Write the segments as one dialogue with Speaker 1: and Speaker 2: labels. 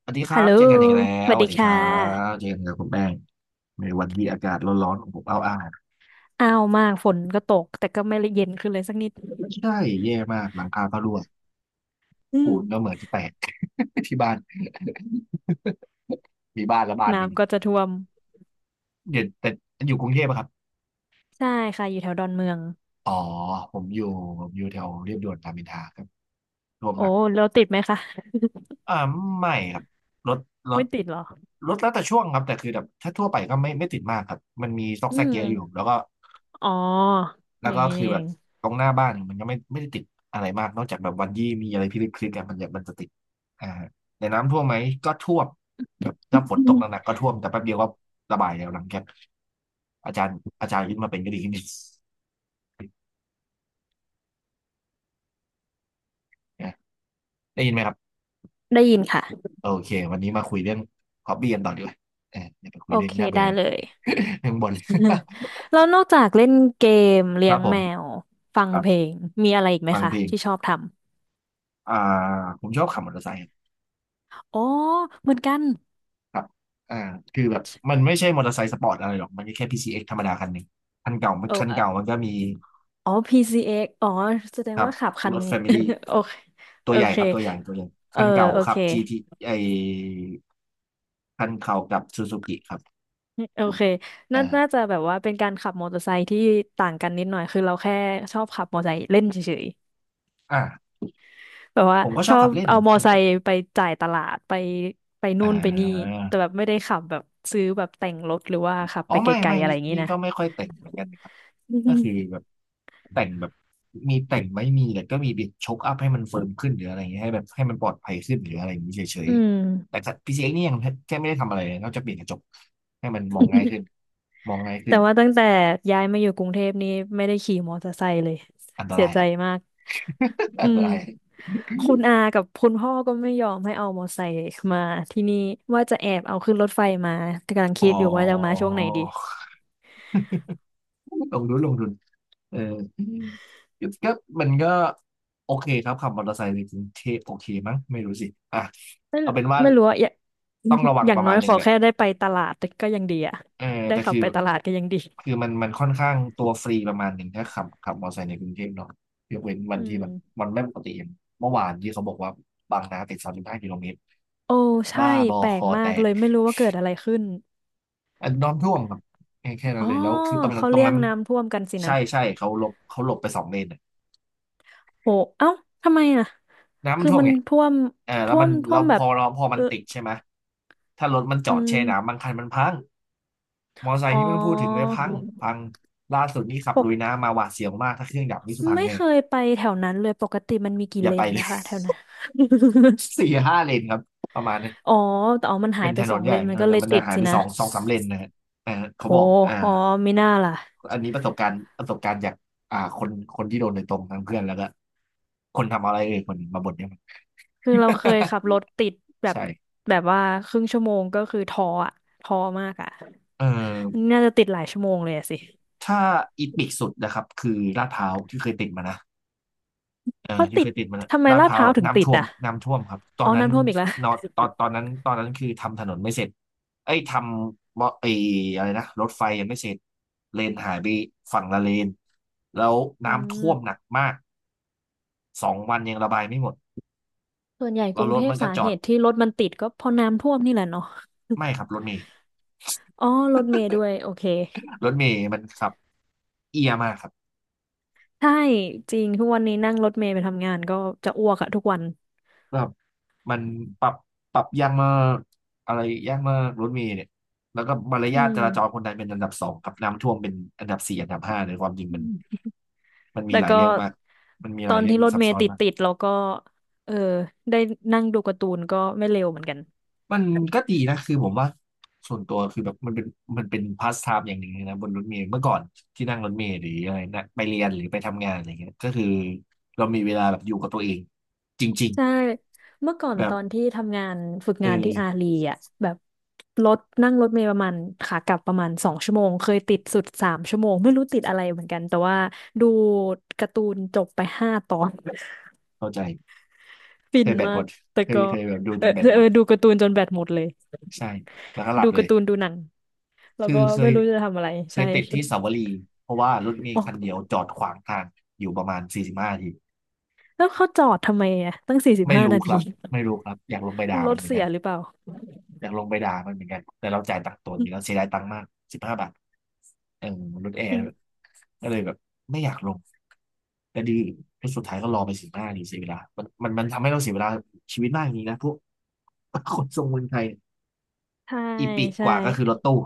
Speaker 1: สวัสดีครั
Speaker 2: ฮัล
Speaker 1: บ
Speaker 2: โหล
Speaker 1: เจอกันอีกแล้
Speaker 2: ส
Speaker 1: ว
Speaker 2: วัส
Speaker 1: สวั
Speaker 2: ดี
Speaker 1: สดีค
Speaker 2: ค่
Speaker 1: รับ
Speaker 2: ะ
Speaker 1: เจอกันกับคุณแป้งในวันที่อากาศร้อนๆของผมอ้าว
Speaker 2: อ้าวมาก ฝนก็ตก แต่ก็ไม่เย็นขึ้นเลยสักนิด
Speaker 1: ๆใช่แย่มากหลังคาก็รั่ว
Speaker 2: อืม
Speaker 1: ปูนก็เหมือนจะแตก ที่บ้าน มีบ้านและบ้านนี่
Speaker 2: น้ำก็จะท่วม
Speaker 1: เดี๋ยวแต่อยู่กรุงเทพอะครับ
Speaker 2: ใช่ค่ะ อยู่แถวดอนเมือง
Speaker 1: อ๋อผมอยู่ผมอยู่แถวเรียบด่วนรามอินทราครับรวม
Speaker 2: โอ้
Speaker 1: หนัก
Speaker 2: แล้วติดไหมคะ
Speaker 1: อ่าไม่ครับรถรถ
Speaker 2: ไม่ติดหรอ
Speaker 1: รถแล้วแต่ช่วงครับแต่คือแบบถ้าทั่วไปก็ไม่ติดมากครับมันมีซอก
Speaker 2: อื
Speaker 1: แซก
Speaker 2: ม
Speaker 1: เยอะอยู่แล้วก็
Speaker 2: อ๋อ
Speaker 1: แล้
Speaker 2: อ
Speaker 1: ว
Speaker 2: ย่า
Speaker 1: ก็
Speaker 2: งนี้
Speaker 1: คื
Speaker 2: นี่
Speaker 1: อ
Speaker 2: เอ
Speaker 1: แบบ
Speaker 2: ง
Speaker 1: ตรงหน้าบ้านมันก็ไม่ได้ติดอะไรมากนอกจากแบบวันยี่มีอะไรพิลึกอะมันจะติดอ่าแต่น้ำท่วมไหมก็ท่วมแบบถ้าฝนตกหนักๆ ก็ท่วมแต่แป๊บเดียวก็ระบายแล้วหลังจากอาจารย์ยึดมาเป็นก็ดีขึ้นนะได้ยินไหมครับ
Speaker 2: ได้ยินค่ะ
Speaker 1: โอเควันนี้มาคุยเรื่องฮอบบี้กันต่อดีกว่าเอออย่าไปคุ
Speaker 2: โอ
Speaker 1: ยเรื่อง
Speaker 2: เค
Speaker 1: น่าเบื่
Speaker 2: ได้
Speaker 1: อ
Speaker 2: เลย
Speaker 1: เรื่อ งบน
Speaker 2: แล้วนอกจากเล่นเกม
Speaker 1: ค
Speaker 2: เลี้ย
Speaker 1: รับ
Speaker 2: ง
Speaker 1: ผ
Speaker 2: แม
Speaker 1: ม
Speaker 2: ว ฟัง
Speaker 1: ครั
Speaker 2: เพล
Speaker 1: บ
Speaker 2: ง มีอะไรอีกไหม
Speaker 1: ฟัง
Speaker 2: คะ
Speaker 1: เพลง
Speaker 2: ที่ชอบท
Speaker 1: อ่าผมชอบขับมอเตอร์ไซค์
Speaker 2: ำอ๋อเหมือนกัน
Speaker 1: ครับอ่าคือแบบ มันไม่ใช่มอเตอร์ไซค์สปอร์ตอะไรหรอก มันก็แค่ PCX ธรรมดาคันหนึ่งคันเก่า
Speaker 2: โอ้
Speaker 1: มันก็มี
Speaker 2: อ๋อ PCX อกซ์อ๋อแสด
Speaker 1: ค
Speaker 2: ง
Speaker 1: รับ
Speaker 2: ว่าขับคั
Speaker 1: ร
Speaker 2: น
Speaker 1: ถแฟมิลี่
Speaker 2: โอเค
Speaker 1: ตั
Speaker 2: โอ
Speaker 1: วใหญ่
Speaker 2: เค
Speaker 1: ครับ ตัวใหญ่
Speaker 2: เออ
Speaker 1: คันเก่า
Speaker 2: โอ
Speaker 1: ค
Speaker 2: เค
Speaker 1: รับ GT ไอคันเก่ากับซูซูกิครับ
Speaker 2: โอเคน่า
Speaker 1: อ่า
Speaker 2: น่าจะแบบว่าเป็นการขับมอเตอร์ไซค์ที่ต่างกันนิดหน่อยคือเราแค่ชอบขับมอเตอร์ไซค์เล่นเฉย
Speaker 1: อ่า
Speaker 2: ๆแบบว่า
Speaker 1: ผมก็
Speaker 2: ช
Speaker 1: ชอ
Speaker 2: อ
Speaker 1: บขั
Speaker 2: บ
Speaker 1: บเล่น
Speaker 2: เอา
Speaker 1: ผม
Speaker 2: มอ
Speaker 1: ช
Speaker 2: เตอ
Speaker 1: อ
Speaker 2: ร์
Speaker 1: บ
Speaker 2: ไซ
Speaker 1: แบบ
Speaker 2: ค์ไปจ่ายตลาดไปไป
Speaker 1: อ่
Speaker 2: นู่นไปนี่แต่
Speaker 1: า
Speaker 2: แบบไม่ได้ขับแบบซื้อแบบแต่งรถหรือว่าขับ
Speaker 1: อ๋อ
Speaker 2: ไปไก
Speaker 1: ไม่
Speaker 2: ล
Speaker 1: ไม่
Speaker 2: ๆอะไร
Speaker 1: นี่
Speaker 2: อย่างนี้
Speaker 1: นี่
Speaker 2: นะ
Speaker 1: ก็ไม่ค่อยแต่งเหมือนกันนะครับก็คือ แบบแต่งแบบมีแต่งไม่มีแต่ก็มีบิดชกอัพให้มันเฟิร์มขึ้นหรืออะไรอย่างเงี้ยให้แบบให้มันปลอดภัยขึ้นหรืออะไรอย่างนี้เฉย
Speaker 2: อืม
Speaker 1: ๆ แต่พีซีเอ็กนี่ยังแค่ไม่ได้ทำอะไรเลยนอกจากเปลี่ยนกระจกให้มันมองง่ายขึ้นมองง่ายขึ้
Speaker 2: แต่
Speaker 1: น
Speaker 2: ว่าตั้งแต่ย้ายมาอยู่กรุงเทพนี่ไม่ได้ขี่มอเตอร์ไซค์เลย
Speaker 1: อันต
Speaker 2: เสีย
Speaker 1: ราย
Speaker 2: ใจ
Speaker 1: ครับ
Speaker 2: มาก
Speaker 1: อั
Speaker 2: อื
Speaker 1: นต
Speaker 2: ม
Speaker 1: ราย
Speaker 2: คุณอากับคุณพ่อก็ไม่ยอมให้เอามอไซค์มาที่นี่ว่าจะแอบเอาขึ้นรถไฟมาแต่กำลัง
Speaker 1: อ๋อ
Speaker 2: คิดอยู่ว่าจะเอามาช่วงไหนดี
Speaker 1: ลงทุนเออก็มันก็โอเคครับขับมอเตอร์ไซค์ในกรุงเทพโอเคมั้งไม่รู้สิอ่ะ
Speaker 2: ไม่
Speaker 1: เอาเป็นว่า
Speaker 2: ไม่รู้ว่าอะอย่า
Speaker 1: ต้องระวั ง
Speaker 2: อย่า
Speaker 1: ป
Speaker 2: ง
Speaker 1: ระ
Speaker 2: น้อ
Speaker 1: มาณ
Speaker 2: ย
Speaker 1: ห
Speaker 2: ข
Speaker 1: นึ่ง
Speaker 2: อ
Speaker 1: แหละ
Speaker 2: แค่ได้ไปตลาดก็ยังดีอะ
Speaker 1: เออ
Speaker 2: ได้
Speaker 1: แต่
Speaker 2: ขับ
Speaker 1: คือ
Speaker 2: ไปตลาดก็ยังดี
Speaker 1: คือมันค่อนข้างตัวฟรีประมาณหนึ่งถ้าขับมอเตอร์ไซค์ในกรุงเทพเนาะยกเว้นวั
Speaker 2: อื
Speaker 1: นที่
Speaker 2: ม
Speaker 1: แบบมันไม่ปกติอย่างเมื่อวานที่เขาบอกว่าบางนาติด35 กิโลเมตร
Speaker 2: โอ้ใช่
Speaker 1: บ้าบอ
Speaker 2: แปล
Speaker 1: ค
Speaker 2: ก
Speaker 1: อ
Speaker 2: มา
Speaker 1: แต
Speaker 2: กเล
Speaker 1: ก
Speaker 2: ยไม่รู้ว่าเกิดอะไรขึ้น
Speaker 1: อันน้ำท่วมครับแค่นั้
Speaker 2: อ๋
Speaker 1: น
Speaker 2: อ
Speaker 1: เลยแล้วคือตรงนั้น
Speaker 2: เขา
Speaker 1: ตร
Speaker 2: เรี
Speaker 1: ง
Speaker 2: ย
Speaker 1: นั้
Speaker 2: ก
Speaker 1: นมัน
Speaker 2: น้ำท่วมกันสิ
Speaker 1: ใช่
Speaker 2: นะ
Speaker 1: ใช่เขาหลบไปสองเลน
Speaker 2: โอ้เอ้าทำไมอ่ะ
Speaker 1: น้ำมัน
Speaker 2: คือ
Speaker 1: ท่วม
Speaker 2: มัน
Speaker 1: ไง
Speaker 2: ท่วม
Speaker 1: เออแล้ว
Speaker 2: ท่ว
Speaker 1: มั
Speaker 2: ม
Speaker 1: น
Speaker 2: ท่
Speaker 1: เรา
Speaker 2: วม
Speaker 1: พ
Speaker 2: แบบ
Speaker 1: อ
Speaker 2: เอ
Speaker 1: มัน
Speaker 2: อ
Speaker 1: ติดใช่ไหม ถ้ารถมันจ
Speaker 2: อื
Speaker 1: อดแช่
Speaker 2: ม
Speaker 1: น้ำบางคันมันพัง มอไซ
Speaker 2: อ๋
Speaker 1: ค์
Speaker 2: อ
Speaker 1: นี่ไม่ต้องพูดถึงเลยพังล่าสุดนี่ขับ
Speaker 2: ป
Speaker 1: ลุ
Speaker 2: ก
Speaker 1: ยน้ำมาหวาดเสียวมาก ถ้าเครื่องดับนี่คือพัง
Speaker 2: ไม่
Speaker 1: แน่
Speaker 2: เคยไปแถวนั้นเลยปกติมันมีกี่
Speaker 1: อย่า
Speaker 2: เล
Speaker 1: ไป
Speaker 2: น
Speaker 1: เล
Speaker 2: นะ
Speaker 1: ย
Speaker 2: คะแถวนั้น
Speaker 1: สี่ห้าเลนครับ ประมาณนั้น
Speaker 2: อ๋อแต่อ๋อมันหา
Speaker 1: เป็
Speaker 2: ย
Speaker 1: น
Speaker 2: ไป
Speaker 1: ถน
Speaker 2: สอ
Speaker 1: น
Speaker 2: ง
Speaker 1: ให
Speaker 2: เล
Speaker 1: ญ่
Speaker 2: นมั
Speaker 1: ถ
Speaker 2: น
Speaker 1: น
Speaker 2: ก็
Speaker 1: นให
Speaker 2: เล
Speaker 1: ญ่
Speaker 2: ย
Speaker 1: มัน
Speaker 2: ติ
Speaker 1: จะ
Speaker 2: ด
Speaker 1: หาย
Speaker 2: สิ
Speaker 1: ไป
Speaker 2: นะ
Speaker 1: สองสามเลนนะฮะอ่าเขา
Speaker 2: โห
Speaker 1: บอก
Speaker 2: อ๋อไม่น่าล่ะ
Speaker 1: อันนี้ประสบการณ์ประสบการณ์จากอ่าคนคนที่โดนโดยตรงทั้งเพื่อนแล้วก็คนทำอะไรเอ่ยคนมาบ่นเนี่ยมัน
Speaker 2: คือเราเคยขับรถติด แบบ
Speaker 1: ใช่
Speaker 2: แบบว่าครึ่งชั่วโมงก็คือท้ออะท้อมากอะ
Speaker 1: เออ
Speaker 2: น่าจะติดหลายชั่วโมงเลยอะสิ
Speaker 1: ถ้าอีทิกสุดนะครับคือลาดพร้าวที่เคยติดมานะเออ
Speaker 2: เขา
Speaker 1: ที่
Speaker 2: ติ
Speaker 1: เค
Speaker 2: ด
Speaker 1: ยติดมานะ
Speaker 2: ทำไม
Speaker 1: ลาด
Speaker 2: ลา
Speaker 1: พ
Speaker 2: ดพ
Speaker 1: ร้าว
Speaker 2: ร้าวถึง
Speaker 1: น้ำ
Speaker 2: ติด
Speaker 1: ท่วม
Speaker 2: อะ
Speaker 1: น้ำท่วมครับตอ
Speaker 2: อ๋อ
Speaker 1: นนั้น
Speaker 2: น้ำท่วมอีกแล้ว
Speaker 1: นอตอนนั้นคือทำถนนไม่เสร็จเอ้ยทำมอไอ้อะไรนะรถไฟยังไม่เสร็จเลนหายไปฝั่งละเลนแล้ว
Speaker 2: อื
Speaker 1: น้ำท่วมหนั
Speaker 2: ม
Speaker 1: กมากสองวันยังระบายไม่หมด
Speaker 2: ส่วนใหญ่
Speaker 1: แลร
Speaker 2: ก
Speaker 1: ว
Speaker 2: รุง
Speaker 1: ร
Speaker 2: เท
Speaker 1: ถ
Speaker 2: พ
Speaker 1: มันก็
Speaker 2: สา
Speaker 1: จ
Speaker 2: เห
Speaker 1: อด
Speaker 2: ตุที่รถมันติดก็เพราะน้ำท่วมนี่แหละเนาะ
Speaker 1: ไม่ครับรถเมล์
Speaker 2: อ๋อรถเมล์ด้วยโอเค
Speaker 1: รถเมล์มันขับเอียมากครับ
Speaker 2: ใช่จริงทุกวันนี้นั่งรถเมล์ไปทำงานก็จะอ้วกอะทุกวัน
Speaker 1: แบบมันปรับปรับยากมากอะไรยากมากรถเมล์เนี่ยแล้วก็มาร
Speaker 2: อื
Speaker 1: ยาท
Speaker 2: ม
Speaker 1: จราจรคนไทยเป็นอันดับสองกับน้ำท่วมเป็นอันดับสี่อันดับห้าในความจริง
Speaker 2: อื
Speaker 1: มัน
Speaker 2: ม
Speaker 1: มันมี
Speaker 2: แต่
Speaker 1: หลาย
Speaker 2: ก็
Speaker 1: เรื่องมากมันมีห
Speaker 2: ตอ
Speaker 1: ลาย
Speaker 2: น
Speaker 1: เรื่อง
Speaker 2: ที่รถ
Speaker 1: ซับ
Speaker 2: เม
Speaker 1: ซ้
Speaker 2: ล์
Speaker 1: อน
Speaker 2: ติด
Speaker 1: มาก
Speaker 2: ติดเราก็เออได้นั่งดูการ์ตูนก็ไม่เร็วเหมือนกัน
Speaker 1: มันก็ดีนะคือผมว่าส่วนตัวคือแบบมันเป็นพาสไทม์อย่างหนึ่งเลยนะบนรถเมล์เมื่อก่อนที่นั่งรถเมล์หรืออะไรนะไปเรียนหรือไปทำงานอะไรเงี้ยก็คือเรามีเวลาแบบอยู่กับตัวเองจริง
Speaker 2: ใช่เมื่อก่อ
Speaker 1: ๆ
Speaker 2: น
Speaker 1: แบ
Speaker 2: ต
Speaker 1: บ
Speaker 2: อนที่ทำงานฝึก
Speaker 1: เอ
Speaker 2: งานที่อา
Speaker 1: อ
Speaker 2: ลีอ่ะแบบรถนั่งรถเมล์ประมาณขากลับประมาณสองชั่วโมงเคยติดสุดสามชั่วโมงไม่รู้ติดอะไรเหมือนกันแต่ว่าดูการ์ตูนจบไปห้าตอน
Speaker 1: เข้าใจ
Speaker 2: ฟิ
Speaker 1: เค
Speaker 2: น
Speaker 1: ยแบต
Speaker 2: มา
Speaker 1: หม
Speaker 2: ก
Speaker 1: ด
Speaker 2: แต่
Speaker 1: เคย
Speaker 2: ก็
Speaker 1: เคยแบบดู
Speaker 2: เอ
Speaker 1: จ
Speaker 2: อ
Speaker 1: นแบตหม
Speaker 2: เออ
Speaker 1: ด
Speaker 2: ดูการ์ตูนจนแบตหมดเลย
Speaker 1: ใช่แล้วก็หลั
Speaker 2: ดู
Speaker 1: บเล
Speaker 2: กา
Speaker 1: ย
Speaker 2: ร์ตูนดูหนังแล้ว
Speaker 1: คือ
Speaker 2: ก็
Speaker 1: เค
Speaker 2: ไม่
Speaker 1: ย
Speaker 2: รู้จะทำอะไร
Speaker 1: เค
Speaker 2: ใช่
Speaker 1: ยติดที่สาวรีเพราะว่ารถเม
Speaker 2: อ๋
Speaker 1: ล์
Speaker 2: อ
Speaker 1: คันเดียวจอดขวางทางอยู่ประมาณ45 นาที
Speaker 2: แล้วเขาจอดทำไมอ่ะตั้งสี่สิบ
Speaker 1: ไม่
Speaker 2: ห้า
Speaker 1: รู้
Speaker 2: นา
Speaker 1: ครั
Speaker 2: ที
Speaker 1: บไม่รู้ครับอยากลงไปด่า
Speaker 2: ร
Speaker 1: มั
Speaker 2: ถ
Speaker 1: นเหมือน
Speaker 2: เสี
Speaker 1: กั
Speaker 2: ย
Speaker 1: น
Speaker 2: หรือเปล่า
Speaker 1: อยากลงไปด่ามันเหมือนกันแต่เราจ่ายตังค์ตัวนี้แล้วเสียดายตังค์มาก15 บาทเออรถแอ
Speaker 2: อื
Speaker 1: ร์ด้ว
Speaker 2: ม
Speaker 1: ยก็เลยแบบไม่อยากลงแต่ดีแล้วสุดท้ายก็รอไปสิบห้านาทีเสียเวลามันทำให้เราเสียเวลาชีวิตมากอย่างนี้นะพวก คนทรงเมืองไทย
Speaker 2: ใช่
Speaker 1: อีปิกก
Speaker 2: ใช่
Speaker 1: ว่าก็คือรถตู้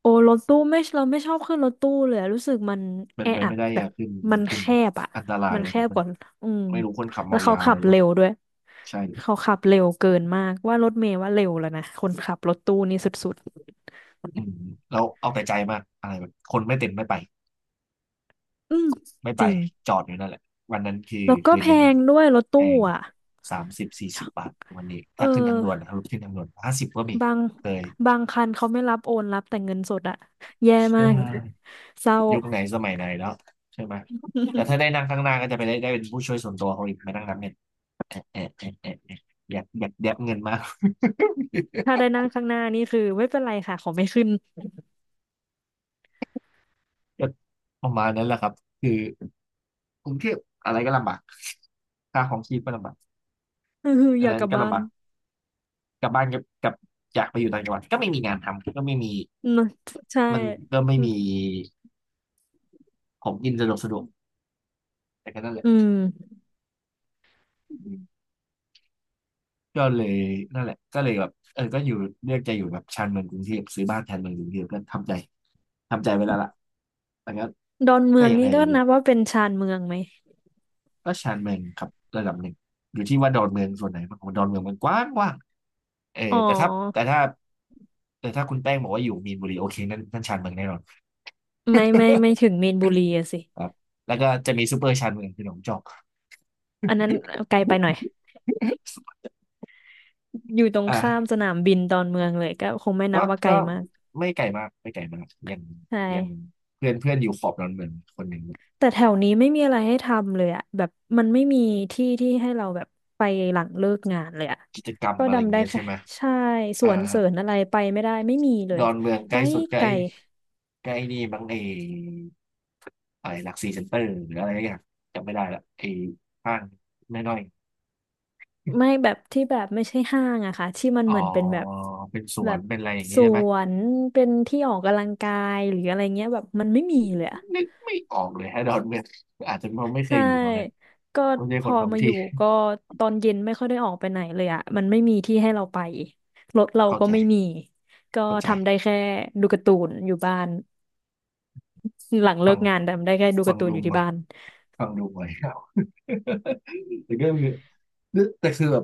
Speaker 2: โอ้รถตู้ไม่เราไม่ชอบขึ้นรถตู้เลยอะรู้สึกมัน
Speaker 1: เป็
Speaker 2: แอ
Speaker 1: นไป
Speaker 2: อัด
Speaker 1: ไม่ได้
Speaker 2: แบ
Speaker 1: อ
Speaker 2: บ
Speaker 1: ย่าขึ้น
Speaker 2: มัน
Speaker 1: ขึ้น
Speaker 2: แคบอ่ะ
Speaker 1: อันตราย
Speaker 2: มัน
Speaker 1: เลย
Speaker 2: แค
Speaker 1: ครับ
Speaker 2: บ
Speaker 1: มั
Speaker 2: ก
Speaker 1: น
Speaker 2: ว่าอืม
Speaker 1: ไม่รู้คนขับ
Speaker 2: แล้
Speaker 1: เมา
Speaker 2: วเขา
Speaker 1: ยาอะ
Speaker 2: ขั
Speaker 1: ไร
Speaker 2: บ
Speaker 1: หรอเ
Speaker 2: เร็วด้วย
Speaker 1: ปล่าใช่
Speaker 2: เขาขับเร็วเกินมากว่ารถเมล์ว่าเร็วแล้วนะคนขับรถตู้นี่สุด
Speaker 1: อืมแล้วเอาแต่ใจมากอะไรแบบคนไม่เต็มไม่ไป
Speaker 2: ๆอืม
Speaker 1: ไม่ไป
Speaker 2: จริง
Speaker 1: จอดอยู่นั่นแหละวันนั้นคือ
Speaker 2: แล้วก็
Speaker 1: คืน
Speaker 2: แพ
Speaker 1: หนึ่ง
Speaker 2: งด้วยรถ
Speaker 1: แพ
Speaker 2: ตู้
Speaker 1: ง
Speaker 2: อ่ะ
Speaker 1: 30-40 บาทวันนี้
Speaker 2: เอ
Speaker 1: ถ้า
Speaker 2: อ
Speaker 1: ขึ้นทางด่วนนะครับขึ้นทางด่วนห้าสิบก็มี
Speaker 2: บาง
Speaker 1: เคย
Speaker 2: บางคันเขาไม่รับโอนรับแต่เงินสดอะแย่
Speaker 1: ใช
Speaker 2: มาก
Speaker 1: ่
Speaker 2: เศร้า
Speaker 1: ยุคไหนสมัยไหนแล้วใช่ไหมแล้วถ้าได้นั่งข้างหน้าก็จะไปได้เป็นผู้ช่วยส่วนตัวเขาอีกมานั่งนับเงินแอะแอะแอะแอะแอะอยากแดบเงินมาก
Speaker 2: ถ้าได้นั่งข้างหน้านี่คือไม่เป็นไรค่ะขอไม่ขึ้น
Speaker 1: ก็ประมาณนั้นแหละครับคือกรุงเทพอะไรก็ลำบากค่าของชีพก็ลำบาก
Speaker 2: อือ
Speaker 1: อั
Speaker 2: อ
Speaker 1: น
Speaker 2: ยาก
Speaker 1: นั้น
Speaker 2: กลับ
Speaker 1: ก็
Speaker 2: บ้า
Speaker 1: ลำ
Speaker 2: น
Speaker 1: บากกลับบ้านกับอยากไปอยู่ต่างจังหวัดก็ไม่มีงานทำก็ไม่มี
Speaker 2: นะใช่
Speaker 1: มันก็ไม่มีของกินสะดวกสะดวกแต่ก็นั่นแหละ
Speaker 2: อืม
Speaker 1: อืมก็เลยนั่นแหละก็เลยแบบเออก็อยู่เลือกจะอยู่แบบชานเมืองกรุงเทพซื้อบ้านชานเมืองกรุงเทพก็ทำใจทำใจไว้แล้วล่ะแต่ก็
Speaker 2: ดอนเมื
Speaker 1: ก็
Speaker 2: อง
Speaker 1: ยัง
Speaker 2: นี่
Speaker 1: ไง
Speaker 2: ก็นับว่าเป็นชานเมืองไหม
Speaker 1: ก็ชานเมืองครับระดับหนึ่งอยู่ที่ว่าดอนเมืองส่วนไหนมากกว่าดอนเมืองมันกว้างกว้างเอ
Speaker 2: อ๋
Speaker 1: อ
Speaker 2: อ
Speaker 1: แต่ถ้าแต่ถ้าคุณแป้งบอกว่าอยู่มีนบุรีโอเคนั่นนั่นชานเมืองแน่นอน
Speaker 2: ไม่ไม่ไม่ถึ งมีนบุรีอะสิ
Speaker 1: ครับแล้วก็จะมีซูเปอร์ชานเมืองคือหนองจอก
Speaker 2: อันนั้นไกลไปหน่อยอยู่ตร
Speaker 1: อ
Speaker 2: งข้ามส
Speaker 1: ่า
Speaker 2: นามบินดอนเมืองเลยก็คงไม่นั
Speaker 1: ก็
Speaker 2: บว่าไกล
Speaker 1: ก็
Speaker 2: มาก
Speaker 1: ไม่ไกลมากยัง
Speaker 2: ใช่
Speaker 1: ยังเพื่อนเพื่อนอยู่ขอบดอนเมืองคนหนึ่ง
Speaker 2: แต่แถวนี้ไม่มีอะไรให้ทำเลยอะแบบมันไม่มีที่ที่ให้เราแบบไปหลังเลิกงานเลยอะ
Speaker 1: กิจกรรม
Speaker 2: ก็
Speaker 1: อะไรอย่าง
Speaker 2: ดำได้
Speaker 1: เงี้ย
Speaker 2: แค่
Speaker 1: ใช่ไหม
Speaker 2: ใช่ส
Speaker 1: อ่า
Speaker 2: วนเสริญอะไรไปไม่ได้ไม่มีเล
Speaker 1: ด
Speaker 2: ย
Speaker 1: อนเมืองใก
Speaker 2: ไก
Speaker 1: ล้
Speaker 2: ล
Speaker 1: สุดก็
Speaker 2: ไกล
Speaker 1: ไอ้ใกล้นี่บางไอ้อะไรหลักสี่เซ็นเตอร์หรืออะไรอย่างจำไม่ได้ละไอ้ห้างน้อย
Speaker 2: ไม่แบบที่แบบไม่ใช่ห้างอะค่ะที่มั
Speaker 1: ๆ
Speaker 2: น
Speaker 1: อ๋อ
Speaker 2: เหมือนเป็นแบบ
Speaker 1: เป็นส
Speaker 2: แบ
Speaker 1: วน
Speaker 2: บ
Speaker 1: เป็นอะไรอย่าง
Speaker 2: ส
Speaker 1: นี้ใช่ไหม
Speaker 2: วนเป็นที่ออกกำลังกายหรืออะไรเงี้ยแบบมันไม่มีเลยอะ
Speaker 1: นึกไม่ออกเลยฮะดอนเมืองอาจจะเพราะไม่เค
Speaker 2: ใช่
Speaker 1: ยอยู่ตรงนั้น
Speaker 2: ก็
Speaker 1: ไม่ใช่
Speaker 2: พ
Speaker 1: คน
Speaker 2: อ
Speaker 1: ท้อง
Speaker 2: มาอ
Speaker 1: ที่
Speaker 2: ยู่ก็ตอนเย็นไม่ค่อยได้ออกไปไหนเลยอะมันไม่มีที่ให้เราไปรถเรา
Speaker 1: เข้า
Speaker 2: ก็
Speaker 1: ใจ
Speaker 2: ไม่มีก็
Speaker 1: เข้าใจ
Speaker 2: ทำได้แค่ดูการ์ตูนอยู่บ้าน หลังเลิ
Speaker 1: ฟัง
Speaker 2: กงานทำได้แค่ดู
Speaker 1: ฟั
Speaker 2: กา
Speaker 1: ง
Speaker 2: ร์ตูน
Speaker 1: ดู
Speaker 2: อยู่
Speaker 1: ห
Speaker 2: ที่
Speaker 1: น่อย
Speaker 2: บ้าน
Speaker 1: ฟังดูหน่อย ครับแต่ก็คือแต่คือแบบ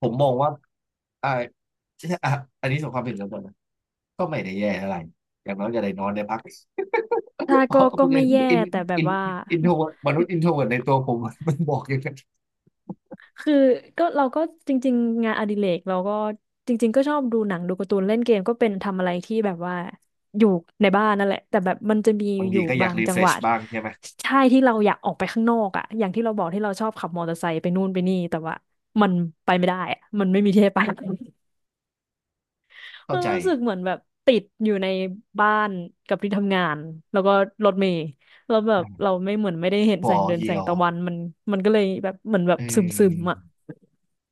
Speaker 1: ผมมองว่าอ่าอ่ะ อันนี้สำหรับความเป็นส่วนตัวนะก็ไม่ได้แย่อะไรอย่างน้อยก็ได้นอนได้พัก
Speaker 2: ถ้า
Speaker 1: อ๋อ
Speaker 2: ก็
Speaker 1: คุณยั
Speaker 2: ไม่
Speaker 1: ง
Speaker 2: แย่
Speaker 1: อิน
Speaker 2: แต่แบ
Speaker 1: อิ
Speaker 2: บ
Speaker 1: น
Speaker 2: ว่า
Speaker 1: อินโทรมนุษย์อินโทรในตัวผมมันบอกอย่างนั้น
Speaker 2: คือเราก็จริงๆงานอดิเรกเราก็จริงๆก็ชอบดูหนังดูการ์ตูนเล่นเกมก็เป็นทำอะไรที่แบบว่าอยู่ในบ้านนั่นแหละแต่แบบมันจะมี
Speaker 1: บาง
Speaker 2: อ
Speaker 1: ที
Speaker 2: ยู่
Speaker 1: ก็อยา
Speaker 2: บา
Speaker 1: ก
Speaker 2: ง
Speaker 1: รี
Speaker 2: จั
Speaker 1: เฟ
Speaker 2: ง
Speaker 1: ร
Speaker 2: ห
Speaker 1: ช
Speaker 2: วะ
Speaker 1: บ้างใช่ไหม
Speaker 2: ใช่ที่เราอยากออกไปข้างนอกอ่ะอย่างที่เราบอกที่เราชอบขับมอเตอร์ไซค์ไปนู่นไปนี่แต่ว่ามันไปไม่ได้อะมันไม่มีที่ให้ไป
Speaker 1: เข้า
Speaker 2: มัน
Speaker 1: ใจ
Speaker 2: รู้สึกเหมือนแบบติดอยู่ในบ้านกับที่ทำงานแล้วก็รถเมล์แล้วแบบเราไม่เหมือนไม่ได้เห็น
Speaker 1: พ
Speaker 2: แส
Speaker 1: อ
Speaker 2: งเดือน
Speaker 1: เยี
Speaker 2: แส
Speaker 1: ย
Speaker 2: ง
Speaker 1: ว
Speaker 2: ตะวันมันมันก็เลยแบบเหมือนแบ
Speaker 1: เ
Speaker 2: บซึม
Speaker 1: ออ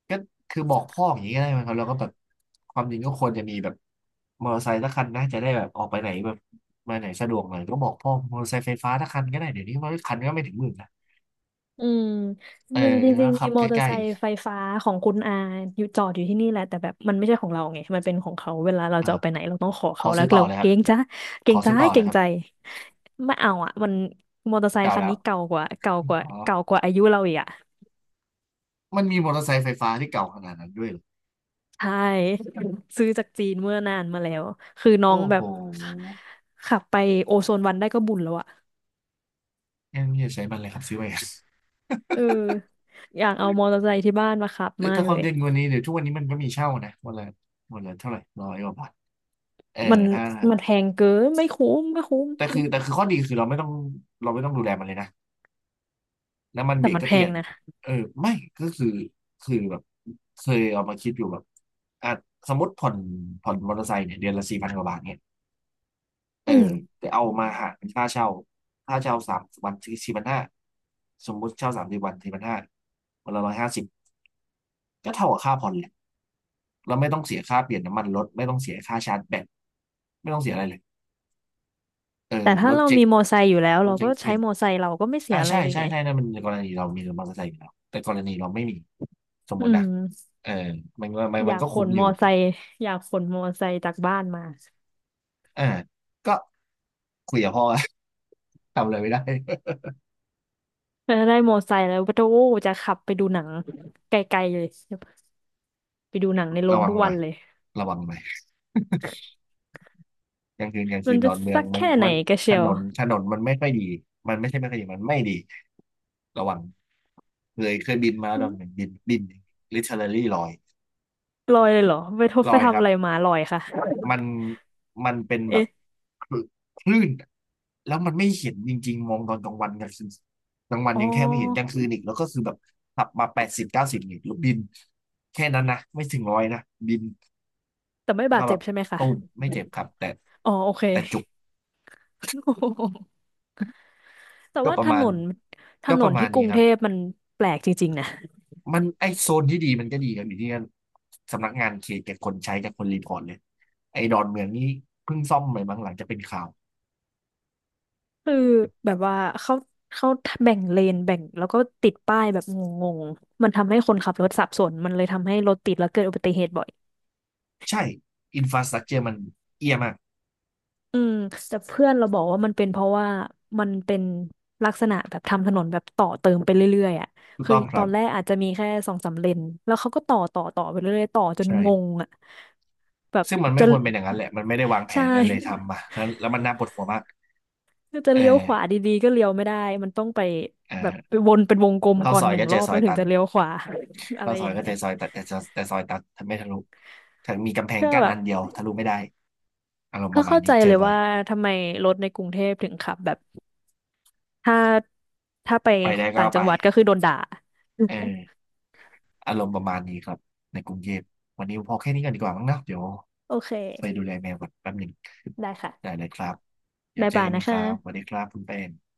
Speaker 1: ก็คือบอกพ่ออย่างนี้ก็ได้ไหมครับแล้วก็แบบความจริงก็ควรจะมีแบบมอเตอร์ไซค์สักคันนะจะได้แบบออกไปไหนแบบมาไหนสะดวกหน่อยก็บอกพ่อมอเตอร์ไซค์ไฟฟ้าสักคันก็ได้เดี๋ยวนี้มันคันก็ไม่ถึงหมื่นนะ
Speaker 2: อืมจ
Speaker 1: เออ
Speaker 2: ริงจริงจ
Speaker 1: แล้
Speaker 2: ริ
Speaker 1: ว
Speaker 2: งๆมี
Speaker 1: ขับ
Speaker 2: ม
Speaker 1: ใก
Speaker 2: อเตอร์
Speaker 1: ล้
Speaker 2: ไซค์ไฟฟ้าของคุณอาอยู่จอดอยู่ที่นี่แหละแต่แบบมันไม่ใช่ของเราไงมันเป็นของเขาเวลาเรา
Speaker 1: ๆอ่า
Speaker 2: จะเอาไปไหนเราต้องขอ
Speaker 1: ข
Speaker 2: เขา
Speaker 1: อ
Speaker 2: แล้
Speaker 1: ซื้
Speaker 2: ว
Speaker 1: อต่อ
Speaker 2: เรา
Speaker 1: เลยค
Speaker 2: เก
Speaker 1: รั
Speaker 2: ร
Speaker 1: บ
Speaker 2: งจ้าเก
Speaker 1: ข
Speaker 2: ร
Speaker 1: อ
Speaker 2: งใจ
Speaker 1: ซื้อต่อ
Speaker 2: เก
Speaker 1: เล
Speaker 2: ร
Speaker 1: ย
Speaker 2: ง
Speaker 1: ครับ
Speaker 2: ใจไม่เอาอ่ะมันมอเตอร์ไซค์
Speaker 1: เก่า
Speaker 2: คัน
Speaker 1: แล้ว
Speaker 2: นี้เก่ากว่าเก่ากว่า
Speaker 1: อ๋อ
Speaker 2: เก่ากว่าอายุเราอีกอ่ะ
Speaker 1: มันมีมอเตอร์ไซค์ไฟฟ้าที่เก่าขนาดนั้นด้วยเหรอ
Speaker 2: ใช่ ซื้อจากจีนเมื่อนานมาแล้วคือน้อง
Speaker 1: โอ้
Speaker 2: แบ
Speaker 1: โห
Speaker 2: บ
Speaker 1: ง่้
Speaker 2: ขับไปโอโซนวันได้ก็บุญแล้วอ่ะ
Speaker 1: นอย่าใช้มันเลยครับซื้อไป
Speaker 2: เอออยากเอามอเตอร์ไซค์ที่บ้านมาขับ มา
Speaker 1: ถ้า
Speaker 2: ก
Speaker 1: ค
Speaker 2: เล
Speaker 1: วาม
Speaker 2: ย
Speaker 1: เย็นกว่านี้เดี๋ยวทุกวันนี้มันก็มีเช่านะวันละวันละเท่าไหร่ร้อยกว่าบาทเออ
Speaker 2: มัน
Speaker 1: ถ้า
Speaker 2: มันแพงเกินไม่คุ้มไม่คุ้ม
Speaker 1: แต่คือแต่คือข้อดีคือเราไม่ต้องดูแลมันเลยนะน้ำมัน
Speaker 2: แต่
Speaker 1: เบรก
Speaker 2: มัน
Speaker 1: ก็
Speaker 2: แพ
Speaker 1: เปลี่
Speaker 2: ง
Speaker 1: ยน
Speaker 2: นะ
Speaker 1: เออไม่ก็คือแบบเคยเอามาคิดอยู่แบบอ่ะสมมติผ่อนมอเตอร์ไซค์เนี่ยเดือนละ4,000 กว่าบาทเนี่ยเออ
Speaker 2: อืม
Speaker 1: แต่เอามาหารเป็นค่าเช่าค่าเช่า3 วันสี่พันห้าสมมติเช่า30 วันสี่พันห้าวันละ150ก็เท่ากับค่าผ่อนแหละ เราไม่ต้องเสียค่าเปลี่ยนน้ำมันรถไม่ต้องเสียค่าชาร์จแบตไม่ต้องเสียอะไรเลยเออ
Speaker 2: แต่
Speaker 1: ร
Speaker 2: ถ้า
Speaker 1: ถ
Speaker 2: เรา
Speaker 1: เจ๊ก
Speaker 2: มีมอไซค์อยู่แล้ว
Speaker 1: ร
Speaker 2: เรา
Speaker 1: ถเจ๊
Speaker 2: ก็
Speaker 1: กเป
Speaker 2: ใช้
Speaker 1: ลี่ยน
Speaker 2: มอไซค์เราก็ไม่เสี
Speaker 1: อ่า
Speaker 2: ยอะไร
Speaker 1: ใช่
Speaker 2: เลย
Speaker 1: ใช่
Speaker 2: ไง
Speaker 1: ใช่นั่นมันกรณีเรามีมอเตอร์ไซค์อยู่แล้วแต่กรณีเราไม่มีสมม
Speaker 2: อื
Speaker 1: ตินะ
Speaker 2: ม
Speaker 1: เออมันก็มัน
Speaker 2: อ
Speaker 1: มัน
Speaker 2: ยาก
Speaker 1: ก็
Speaker 2: ข
Speaker 1: คุ้ม
Speaker 2: น
Speaker 1: อ
Speaker 2: ม
Speaker 1: ยู่
Speaker 2: อไซค์อยากขนมอไซค์จากบ้านมา
Speaker 1: อ่าก็คุยกับพ่อ ทำอะไรไม่ได้
Speaker 2: แล้วได้มอไซค์แล้วก็โอ้จะขับไปดูหนังไกลๆเลย ไปดูหนังในโร
Speaker 1: ระ
Speaker 2: ง
Speaker 1: วัง
Speaker 2: ทุก
Speaker 1: ห
Speaker 2: วั
Speaker 1: น่อ
Speaker 2: น
Speaker 1: ย
Speaker 2: เลย
Speaker 1: ระวังหน่อยกลางคืนกลาง
Speaker 2: มั
Speaker 1: คื
Speaker 2: น
Speaker 1: นด
Speaker 2: จะ
Speaker 1: อนเมือ
Speaker 2: สั
Speaker 1: ง
Speaker 2: ก
Speaker 1: มัน
Speaker 2: แค่ไหน
Speaker 1: มัน
Speaker 2: กระ
Speaker 1: ถ
Speaker 2: เชียว
Speaker 1: นนถนนมันไม่ค่อยดีมันไม่ใช่ไม่ค่อยดีมันไม่ดีระวังเคยบินมาดอนเมืองบิน l i t ร r a l ี่ลอย
Speaker 2: ลอยเลยเหรอไปทบ
Speaker 1: ล
Speaker 2: ไป
Speaker 1: อยค
Speaker 2: ทำ
Speaker 1: รับ
Speaker 2: อะไรมาลอยค่ะ
Speaker 1: มันมันเป็นแบบ
Speaker 2: เอ๊ะ
Speaker 1: คลืคลื่นอะแล้วมันไม่เห็นจริงๆ มองตอนกลางวันกลางคืนกลางวัน
Speaker 2: อ๋อ
Speaker 1: ยังแค่ไม่เห็นกลางคืนอีกแล้วก็คือแบบขับมา80-90อีกแล้วบินแค่นั้นนะไม่ถึงร้อยนะบิน
Speaker 2: แต่ไม่
Speaker 1: แล้ว
Speaker 2: บา
Speaker 1: ก็
Speaker 2: ด
Speaker 1: แบ
Speaker 2: เจ็บ
Speaker 1: บ
Speaker 2: ใช่ไหมคะ
Speaker 1: ตูมไม่เจ็บครับ แต่
Speaker 2: อ๋อโอเค
Speaker 1: แต่จุก
Speaker 2: แต่
Speaker 1: ก็
Speaker 2: ว่า
Speaker 1: ป
Speaker 2: ถ
Speaker 1: ระมา
Speaker 2: น
Speaker 1: ณ
Speaker 2: นถ
Speaker 1: ก็
Speaker 2: น
Speaker 1: ป
Speaker 2: น
Speaker 1: ระมา
Speaker 2: ที่
Speaker 1: ณ
Speaker 2: ก
Speaker 1: นี้
Speaker 2: รุง
Speaker 1: ครั
Speaker 2: เท
Speaker 1: บ
Speaker 2: พมันแปลกจริงๆนะ
Speaker 1: มันไอโซนที่ดีมันก็ดีครับอยู่ที่สำนักงานเขตกับคนใช้กับคนรีพอร์ตเลยไอดอนเมืองนี้เพิ่งซ่อมใหม่บางหลังจะเป็นข่าว
Speaker 2: คือแบบว่าเขาเขาแบ่งเลนแบ่งแล้วก็ติดป้ายแบบงงๆมันทำให้คนขับรถสับสนมันเลยทำให้รถติดแล้วเกิดอุบัติเหตุบ่อย
Speaker 1: ใช่อินฟราสตรั t เจอมันเอียมาก
Speaker 2: อืมแต่เพื่อนเราบอกว่ามันเป็นเพราะว่ามันเป็นลักษณะแบบทำถนนแบบต่อเติมไปเรื่อยๆอ่ะ
Speaker 1: ถูก
Speaker 2: คือ
Speaker 1: ต้องค
Speaker 2: ต
Speaker 1: รั
Speaker 2: อ
Speaker 1: บ
Speaker 2: นแรกอาจจะมีแค่สองสามเลนแล้วเขาก็ต่อไปเรื่อยๆต่อจน
Speaker 1: ใช่
Speaker 2: งงอ่ะแบบ
Speaker 1: ซึ่งมันไม่
Speaker 2: จะ
Speaker 1: ควรเป็นอย่างนั้นแหละมันไม่ได้วาง แผ
Speaker 2: ใช่
Speaker 1: นอะไรเลยทำมาแล้วแล้วมันน่าปวดหัวมาก
Speaker 2: คือจะ
Speaker 1: เอ
Speaker 2: เลี้ยวขวา
Speaker 1: อ
Speaker 2: ดีๆก็เลี้ยวไม่ได้ มันต้องไปแบบไป
Speaker 1: อ่า
Speaker 2: วนเป็นวงกลม
Speaker 1: เข้า
Speaker 2: ก่อ
Speaker 1: ซ
Speaker 2: น
Speaker 1: อย
Speaker 2: หนึ่ง
Speaker 1: ก็เจ
Speaker 2: ร
Speaker 1: อ
Speaker 2: อบ
Speaker 1: ซอ
Speaker 2: แล้
Speaker 1: ย
Speaker 2: วถึ
Speaker 1: ตั
Speaker 2: ง
Speaker 1: น
Speaker 2: จะเลี้ยวขวา อะ
Speaker 1: เข้า
Speaker 2: ไร
Speaker 1: ซ
Speaker 2: อ
Speaker 1: อย
Speaker 2: ย่าง
Speaker 1: ก็
Speaker 2: เงี้
Speaker 1: เจ
Speaker 2: ย
Speaker 1: อซอยตันแต่ซอยตันทำไม่ทะลุถ้ามีกำแพง
Speaker 2: ก็
Speaker 1: กั้น
Speaker 2: แบ
Speaker 1: อั
Speaker 2: บ
Speaker 1: นเดียวทะลุไม่ได้อารมณ์ป
Speaker 2: ก็
Speaker 1: ระมาณ
Speaker 2: เข้า
Speaker 1: นี้
Speaker 2: ใจ
Speaker 1: เจอ
Speaker 2: เลย
Speaker 1: บ่อย
Speaker 2: ว่าทำไมรถในกรุงเทพถึงขับแบบถ้าถ้าไป
Speaker 1: ไปได้ก็
Speaker 2: ต่าง
Speaker 1: ไป
Speaker 2: จังหวัดก็คือโดนด่า
Speaker 1: เอออารมณ์ประมาณนี้ครับในกรุงเทพวันนี้พอแค่นี้กันดีกว่ามั้งเนอะเดี๋ยว
Speaker 2: โอเค
Speaker 1: ไปดูแลแมวก่อนแป๊บหนึ่ง
Speaker 2: ได้ค่ะ
Speaker 1: ได้เลยครับเดี๋ยว
Speaker 2: บ๊าย
Speaker 1: เจอ
Speaker 2: บาย
Speaker 1: กัน
Speaker 2: นะ
Speaker 1: อีกครับสวัส
Speaker 2: คะ
Speaker 1: ดีครับคุณแป้ง